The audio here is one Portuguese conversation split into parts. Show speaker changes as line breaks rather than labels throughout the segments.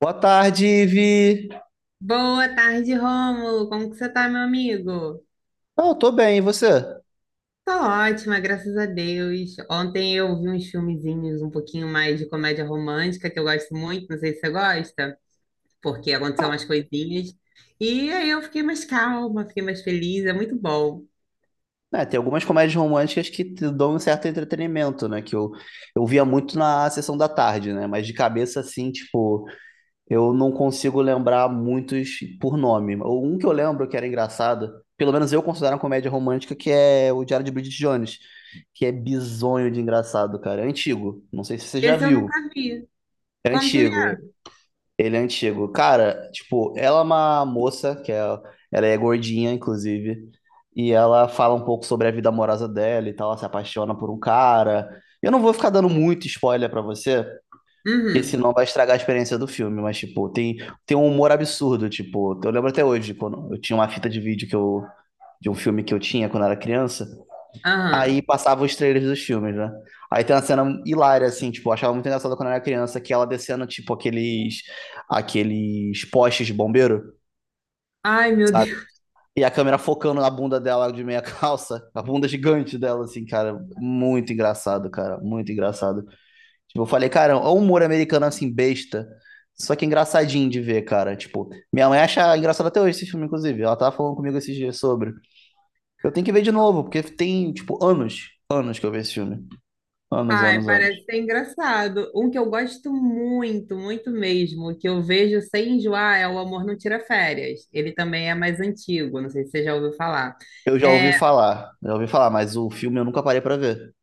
Boa tarde, Ivi.
Boa tarde, Rômulo. Como que você tá, meu amigo?
Ah, eu tô bem, e você?
Tô ótima, graças a Deus. Ontem eu vi uns filmezinhos um pouquinho mais de comédia romântica, que eu gosto muito, não sei se você gosta, porque aconteceu umas coisinhas. E aí eu fiquei mais calma, fiquei mais feliz, é muito bom.
É, tem algumas comédias românticas que te dão um certo entretenimento, né? Que eu via muito na sessão da tarde, né? Mas de cabeça, assim, tipo, eu não consigo lembrar muitos por nome. Um que eu lembro que era engraçado, pelo menos eu considero uma comédia romântica, que é o Diário de Bridget Jones, que é bizonho de engraçado, cara. É antigo. Não sei se você já
Esse eu
viu.
nunca vi.
É
Como que ele
antigo. Ele é antigo. Cara, tipo, ela é uma moça, que é, ela é gordinha, inclusive, e ela fala um pouco sobre a vida amorosa dela e tal, ela se apaixona por um cara. Eu não vou ficar dando muito spoiler pra você,
é?
porque
Uhum.
senão vai estragar a experiência do filme, mas, tipo, tem, tem um humor absurdo, tipo, eu lembro até hoje, quando eu tinha uma fita de vídeo que eu, de um filme que eu tinha quando eu era criança. Aí
Aham.
passava os trailers dos filmes, né? Aí tem uma cena hilária, assim, tipo, eu achava muito engraçado quando eu era criança, que ela descendo, tipo, aqueles, aqueles postes de bombeiro,
Ai, meu
sabe?
Deus.
E a câmera focando na bunda dela de meia calça, a bunda gigante dela, assim, cara, muito engraçado, cara, muito engraçado. Tipo, eu falei, cara, o humor americano, assim, besta, só que engraçadinho de ver, cara. Tipo, minha mãe acha engraçado até hoje esse filme, inclusive. Ela tava falando comigo esses dias sobre. Eu tenho que ver de novo, porque tem, tipo, anos, anos que eu vi esse filme. Anos,
Ai,
anos, anos.
parece ser engraçado. Um que eu gosto muito, muito mesmo, que eu vejo sem enjoar, é O Amor Não Tira Férias. Ele também é mais antigo, não sei se você já ouviu falar.
Eu
É.
já ouvi falar, mas o filme eu nunca parei pra ver.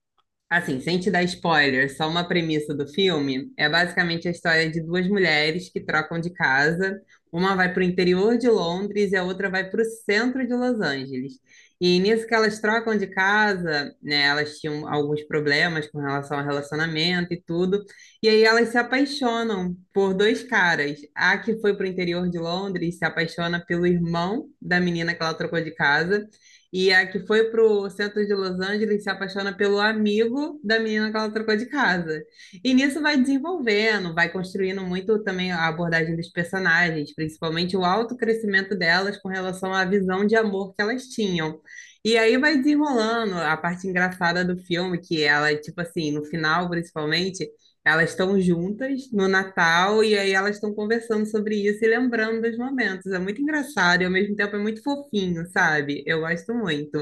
Assim, sem te dar spoiler, só uma premissa do filme, é basicamente a história de duas mulheres que trocam de casa. Uma vai para o interior de Londres e a outra vai para o centro de Los Angeles. E nisso que elas trocam de casa, né, elas tinham alguns problemas com relação ao relacionamento e tudo. E aí elas se apaixonam por dois caras. A que foi para o interior de Londres se apaixona pelo irmão da menina que ela trocou de casa. E a que foi pro centro de Los Angeles se apaixona pelo amigo da menina que ela trocou de casa. E nisso vai desenvolvendo, vai construindo muito também a abordagem dos personagens, principalmente o alto crescimento delas com relação à visão de amor que elas tinham. E aí vai desenrolando a parte engraçada do filme, que ela, tipo assim, no final, principalmente, elas estão juntas no Natal e aí elas estão conversando sobre isso e lembrando dos momentos. É muito engraçado e ao mesmo tempo é muito fofinho, sabe? Eu gosto muito.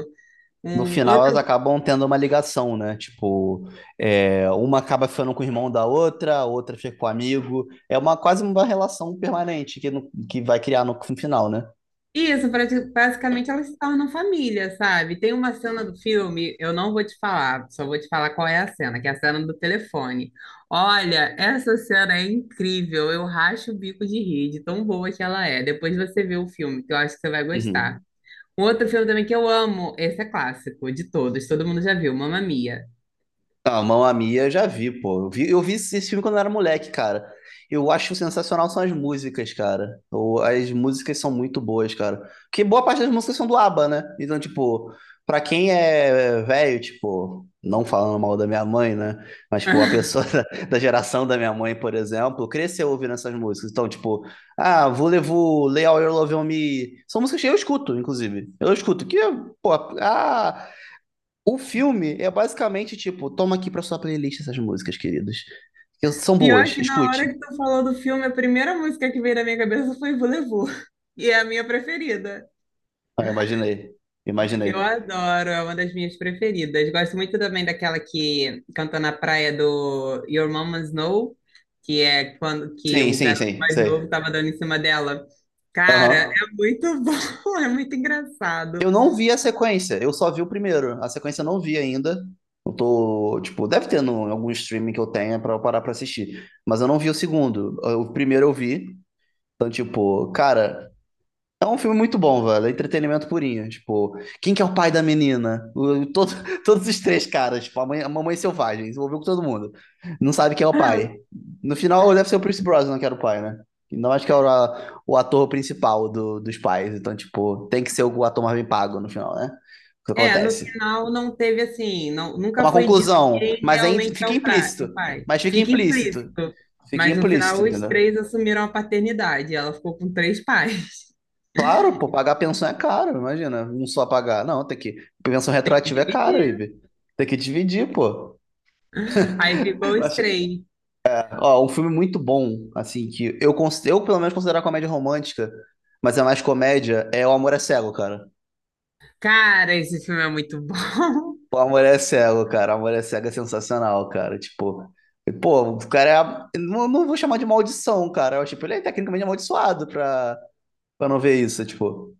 No
Um
final elas
outro.
acabam tendo uma ligação, né? Tipo, é, uma acaba ficando com o irmão da outra, a outra fica com o amigo. É uma quase uma relação permanente que, no- que vai criar no, no final, né?
Isso, basicamente elas se tornam família, sabe? Tem uma cena do filme, eu não vou te falar, só vou te falar qual é a cena, que é a cena do telefone. Olha, essa cena é incrível, eu racho o bico de rir, de tão boa que ela é. Depois você vê o filme, que eu acho que você vai gostar.
Uhum.
Um outro filme também que eu amo, esse é clássico de todos, todo mundo já viu, Mamma Mia.
Ah, Mamma Mia eu já vi, pô. Eu vi esse filme quando eu era moleque, cara. Eu acho sensacional são as músicas, cara. Ou as músicas são muito boas, cara. Porque boa parte das músicas são do ABBA, né? Então, tipo, pra quem é velho, tipo, não falando mal da minha mãe, né? Mas, tipo, a pessoa da geração da minha mãe, por exemplo, cresceu ouvindo essas músicas. Então, tipo, ah, Voulez-vous, Lay All Your Love on Me. São músicas que eu escuto, inclusive. Eu escuto. Que, pô, ah, o filme é basicamente tipo, toma aqui pra sua playlist essas músicas, queridos. Que são
Pior
boas,
que na hora
escute.
que tu falou do filme, a primeira música que veio na minha cabeça foi Volevo. E é a minha preferida.
Ah, imaginei,
Eu
imaginei.
adoro, é uma das minhas preferidas. Gosto muito também daquela que canta na praia do Your Mama's Know, que é quando que
Sim,
o
sim,
garoto
sim,
mais novo
sei.
tava dando em cima dela. Cara, é
Aham.
muito bom, é muito engraçado.
Eu não vi a sequência, eu só vi o primeiro. A sequência eu não vi ainda. Eu tô, tipo, deve ter no, em algum streaming que eu tenha pra eu parar pra assistir. Mas eu não vi o segundo. O primeiro eu vi. Então, tipo, cara, é um filme muito bom, velho. É entretenimento purinho. Tipo, quem que é o pai da menina? O- todo- todos os três caras. Tipo, a, mãe, a mamãe selvagem. Se envolveu com todo mundo. Não sabe quem é o
Ah,
pai. No final, deve ser o Pierce Brosnan que era o pai, né? E não acho que era o a- o ator principal do- dos pais. Então, tipo, tem que ser o ator mais bem pago no final, né? O que
é, no
acontece.
final não teve assim, não, nunca
Uma
foi dito
conclusão.
quem
Mas aí
realmente é
fica
o, pra,
implícito.
o pai.
Mas fica
Fica
implícito.
implícito.
Fica
Mas no
implícito,
final os
entendeu?
três assumiram a paternidade. Ela ficou com três pais.
Claro, pô, pagar pensão é caro, imagina, não só pagar. Não, tem que. Pensão
E
retroativa é caro,
dividiu.
Ibe. Tem que dividir, pô.
Aí ficou os
Acho-
três.
ó, um filme muito bom, assim, que eu, cons- eu pelo menos considero comédia romântica, mas é mais comédia, é O Amor é Cego, cara.
Cara, esse filme é muito bom.
O Amor é Cego, cara. O Amor é Cego é sensacional, cara. Tipo, pô, o cara é. A- Não, não vou chamar de maldição, cara. Eu, tipo, ele é tecnicamente amaldiçoado pra, pra não ver isso, tipo.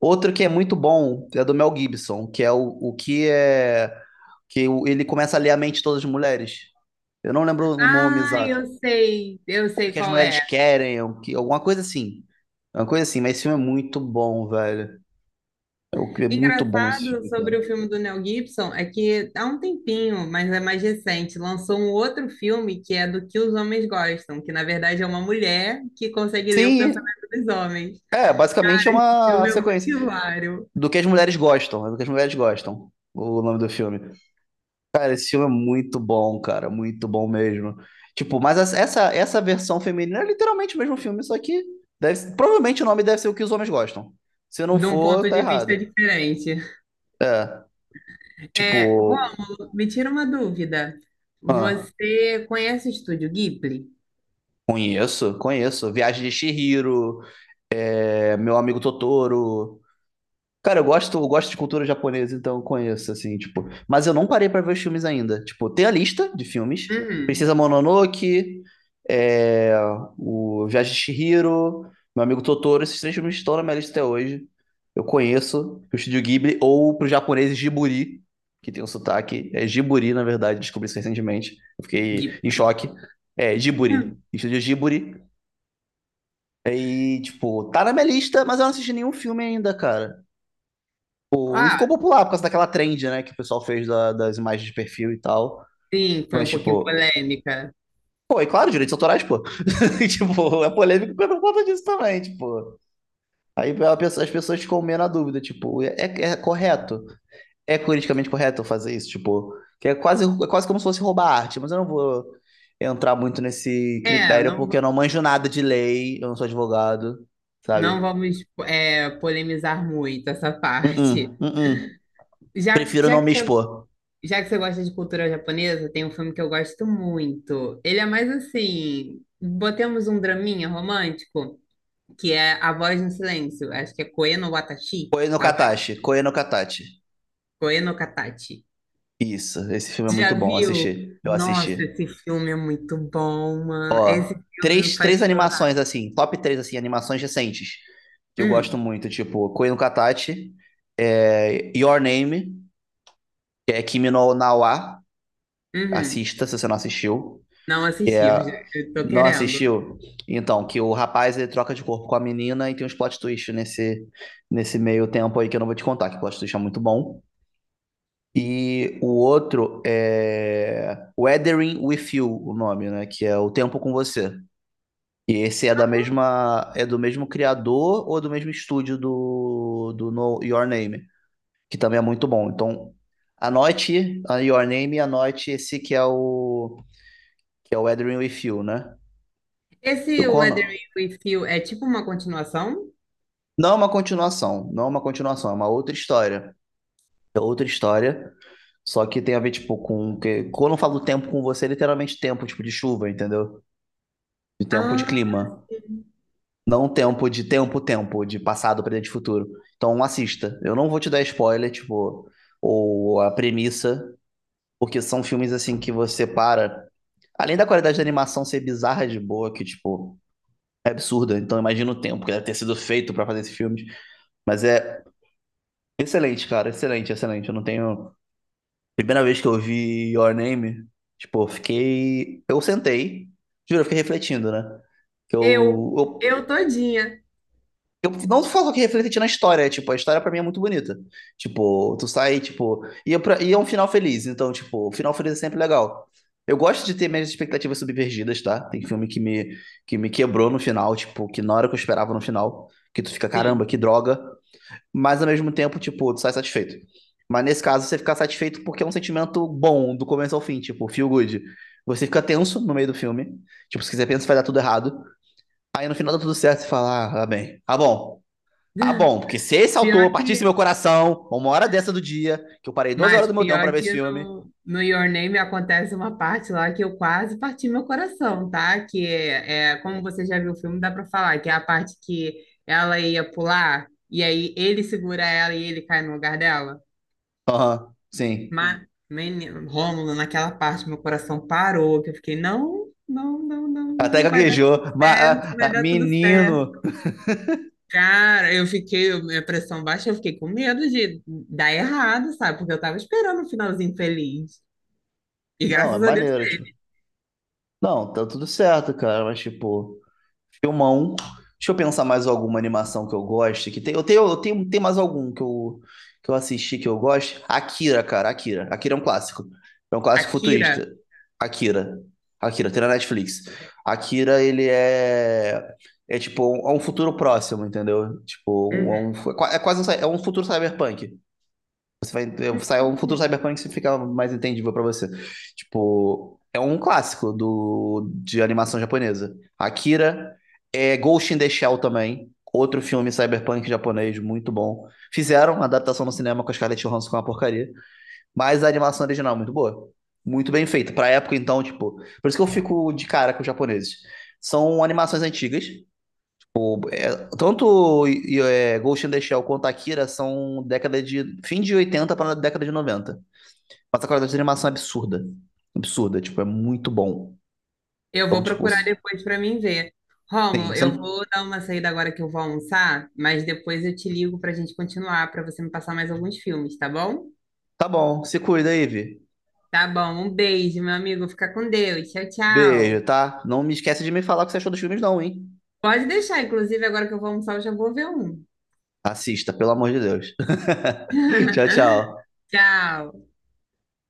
Outro que é muito bom é do Mel Gibson, que é o que é. Que o- ele começa a ler a mente de todas as mulheres. Eu não lembro o nome
Ah,
exato.
eu
O que
sei
que as
qual
mulheres
é.
querem, o que, alguma coisa assim. É uma coisa assim, mas esse filme é muito bom, velho. É o que- é muito bom esse
Engraçado
filme, cara.
sobre o filme do Mel Gibson é que há um tempinho, mas é mais recente, lançou um outro filme que é do que os homens gostam, que na verdade é uma mulher que consegue ler o
Sim,
pensamento dos homens.
é, basicamente é
O
uma
filme é muito
sequência
hilário,
do que as mulheres gostam, é do que as mulheres gostam, o nome do filme. Cara, esse filme é muito bom, cara, muito bom mesmo. Tipo, mas as- essa versão feminina é literalmente o mesmo filme, só que deve- provavelmente o nome deve ser o que os homens gostam. Se não
de um
for,
ponto
tá
de vista
errado.
diferente.
É. Tipo,
É, Rômulo, me tira uma dúvida.
ah,
Você conhece o estúdio Ghibli?
conheço, conheço. Viagem de Chihiro, é, Meu Amigo Totoro. Cara, eu gosto de cultura japonesa, então eu conheço, assim, tipo. Mas eu não parei pra ver os filmes ainda. Tipo, tem a lista de filmes.
Uhum,
Princesa Mononoke, é, o Viagem de Chihiro, Meu Amigo Totoro. Esses três filmes estão na minha lista até hoje. Eu conheço o Estúdio Ghibli, ou pro japonês Jiburi, que tem um sotaque. É Jiburi, na verdade, descobri isso recentemente. Eu fiquei em
Ghibli.
choque. É, Jiburi.
Hum.
Estúdio Jiburi. E, tipo, tá na minha lista, mas eu não assisti nenhum filme ainda, cara. E
Ah,
ficou popular por causa daquela trend, né, que o pessoal fez da- das imagens de perfil e tal.
sim, foi
Mas,
um pouquinho
tipo,
polêmica.
pô, e claro, direitos autorais, pô. tipo, é polêmico por conta disso também, tipo. Aí a pessoa- as pessoas ficam meio na dúvida, tipo, é, é correto? É politicamente correto eu fazer isso? Tipo, que é quase como se fosse roubar arte, mas eu não vou entrar muito nesse
É,
critério porque eu
não.
não manjo nada de lei, eu não sou advogado, sabe?
Não vamos é, polemizar muito essa parte.
Uh-uh, uh-uh.
Já,
Prefiro não me expor.
já que você gosta de cultura japonesa, tem um filme que eu gosto muito. Ele é mais assim, botemos um draminha romântico, que é A Voz no Silêncio. Acho que é Koe no Watashi,
Koe no
a voz
Katachi, Koe no Katachi.
Koe no Katachi.
Isso, esse filme é muito
Já
bom
viu?
assistir. Eu
Nossa,
assisti.
esse filme é muito bom, mano. Esse
Ó,
filme me
três,
faz
três
chorar.
animações assim, top três assim, animações recentes que eu gosto
Hum,
muito, tipo Koi no Katachi, é, Your Name, que é Kimi no Na wa,
uhum.
assista se você não assistiu.
Não
É,
assisti, eu tô
não
querendo.
assistiu? Então, que o rapaz ele troca de corpo com a menina e tem uns plot twist nesse nesse meio tempo aí que eu não vou te contar, que o plot twist é muito bom. E o outro é Weathering with You, o nome, né? Que é O Tempo com Você. E esse é da mesma, é do mesmo criador ou do mesmo estúdio do, do no, Your Name, que também é muito bom. Então, anote a Your Name e anote esse que é o Weathering with You, né? Eu,
Esse
não,
Weathering with You é tipo uma continuação?
não é uma continuação, não é uma continuação, é uma outra história. É outra história. Só que tem a ver, tipo, com. Que, quando eu falo tempo com você, é literalmente tempo, tipo, de chuva, entendeu? De tempo de
Ah,
clima. Não tempo de tempo, tempo, de passado, presente e futuro. Então assista. Eu não vou te dar spoiler, tipo, ou a premissa, porque são filmes assim que você para. Além da qualidade da animação ser bizarra de boa, que, tipo, é absurda. Então imagina o tempo que deve ter sido feito para fazer esse filme. Mas é excelente, cara. Excelente, excelente. Eu não tenho. Primeira vez que eu vi Your Name, tipo, eu fiquei. Eu sentei. Juro, eu fiquei refletindo, né? Que
eu,
eu, eu
eu todinha.
eu não falo que reflete na história, é, tipo, a história pra mim é muito bonita. Tipo, tu sai, tipo, e é, pra- e é um final feliz, então, tipo, o final feliz é sempre legal. Eu gosto de ter minhas expectativas subvergidas, tá? Tem filme que me quebrou no final, tipo, que na hora que eu esperava no final, que tu fica, caramba,
Sim.
que droga, mas ao mesmo tempo, tipo, tu sai satisfeito. Mas nesse caso, você fica satisfeito porque é um sentimento bom, do começo ao fim, tipo, feel good. Você fica tenso no meio do filme, tipo, se quiser pensa, vai dar tudo errado. Aí no final dá tudo certo, você fala, ah, tá bem, tá bom. Tá bom, porque se esse autor
Pior
partisse do
que,
meu coração, uma hora dessa do dia, que eu parei duas horas
mas
do meu tempo pra
pior
ver esse
que
filme.
no, no Your Name acontece uma parte lá que eu quase parti meu coração, tá? Que é, é, como você já viu o filme, dá pra falar, que é a parte que ela ia pular e aí ele segura ela e ele cai no lugar dela.
Aham, sim.
Mas, menino, Rômulo, naquela parte meu coração parou, que eu fiquei, não, não, não, não,
Até
não, vai
gaguejou. Ma
certo,
ah,
vai
ah,
dar tudo certo.
menino.
Cara, eu fiquei, minha pressão baixa, eu fiquei com medo de dar errado, sabe? Porque eu tava esperando um finalzinho feliz. E
Não, é
graças a Deus,
maneiro, tipo. Não, tá tudo certo, cara, mas tipo. Filmão. Deixa eu pensar mais alguma animação que eu goste. Que tem, eu tenho, tem mais algum que eu assisti que eu gosto. Akira, cara, Akira. Akira é um clássico. É um clássico
Akira.
futurista. Akira. Akira, tem na Netflix. Akira, ele é. É tipo, um- é um futuro próximo, entendeu? Tipo,
Uhum.
um, é quase um, cy- é um futuro cyberpunk. Você vai, sai um futuro
Hum.
cyberpunk que fica mais entendível pra você. Tipo, é um clássico do, de animação japonesa. Akira, é Ghost in the Shell também, outro filme cyberpunk japonês muito bom. Fizeram uma adaptação no cinema com a Scarlett Johansson com uma porcaria, mas a animação original é muito boa. Muito bem feita. Pra época, então, tipo. Por isso que eu fico de cara com os japoneses. São animações antigas, é, tanto e, é, Ghost in the Shell quanto Akira são década de fim de 80 para década de 90. Mas a qualidade de animação é absurda. Absurda, tipo, é muito bom.
Eu
Então,
vou
tipo,
procurar depois para mim ver.
sim,
Rômulo,
você
eu
não-
vou dar uma saída agora que eu vou almoçar, mas depois eu te ligo para a gente continuar, para você me passar mais alguns filmes, tá bom?
tá bom, se cuida aí, Vi.
Tá bom, um beijo, meu amigo. Fica com Deus. Tchau, tchau.
Beijo, tá? Não me esquece de me falar o que você achou dos filmes não, hein?
Pode deixar, inclusive, agora que eu vou almoçar, eu já vou ver um.
Assista, pelo amor de Deus. Tchau, tchau.
Tchau.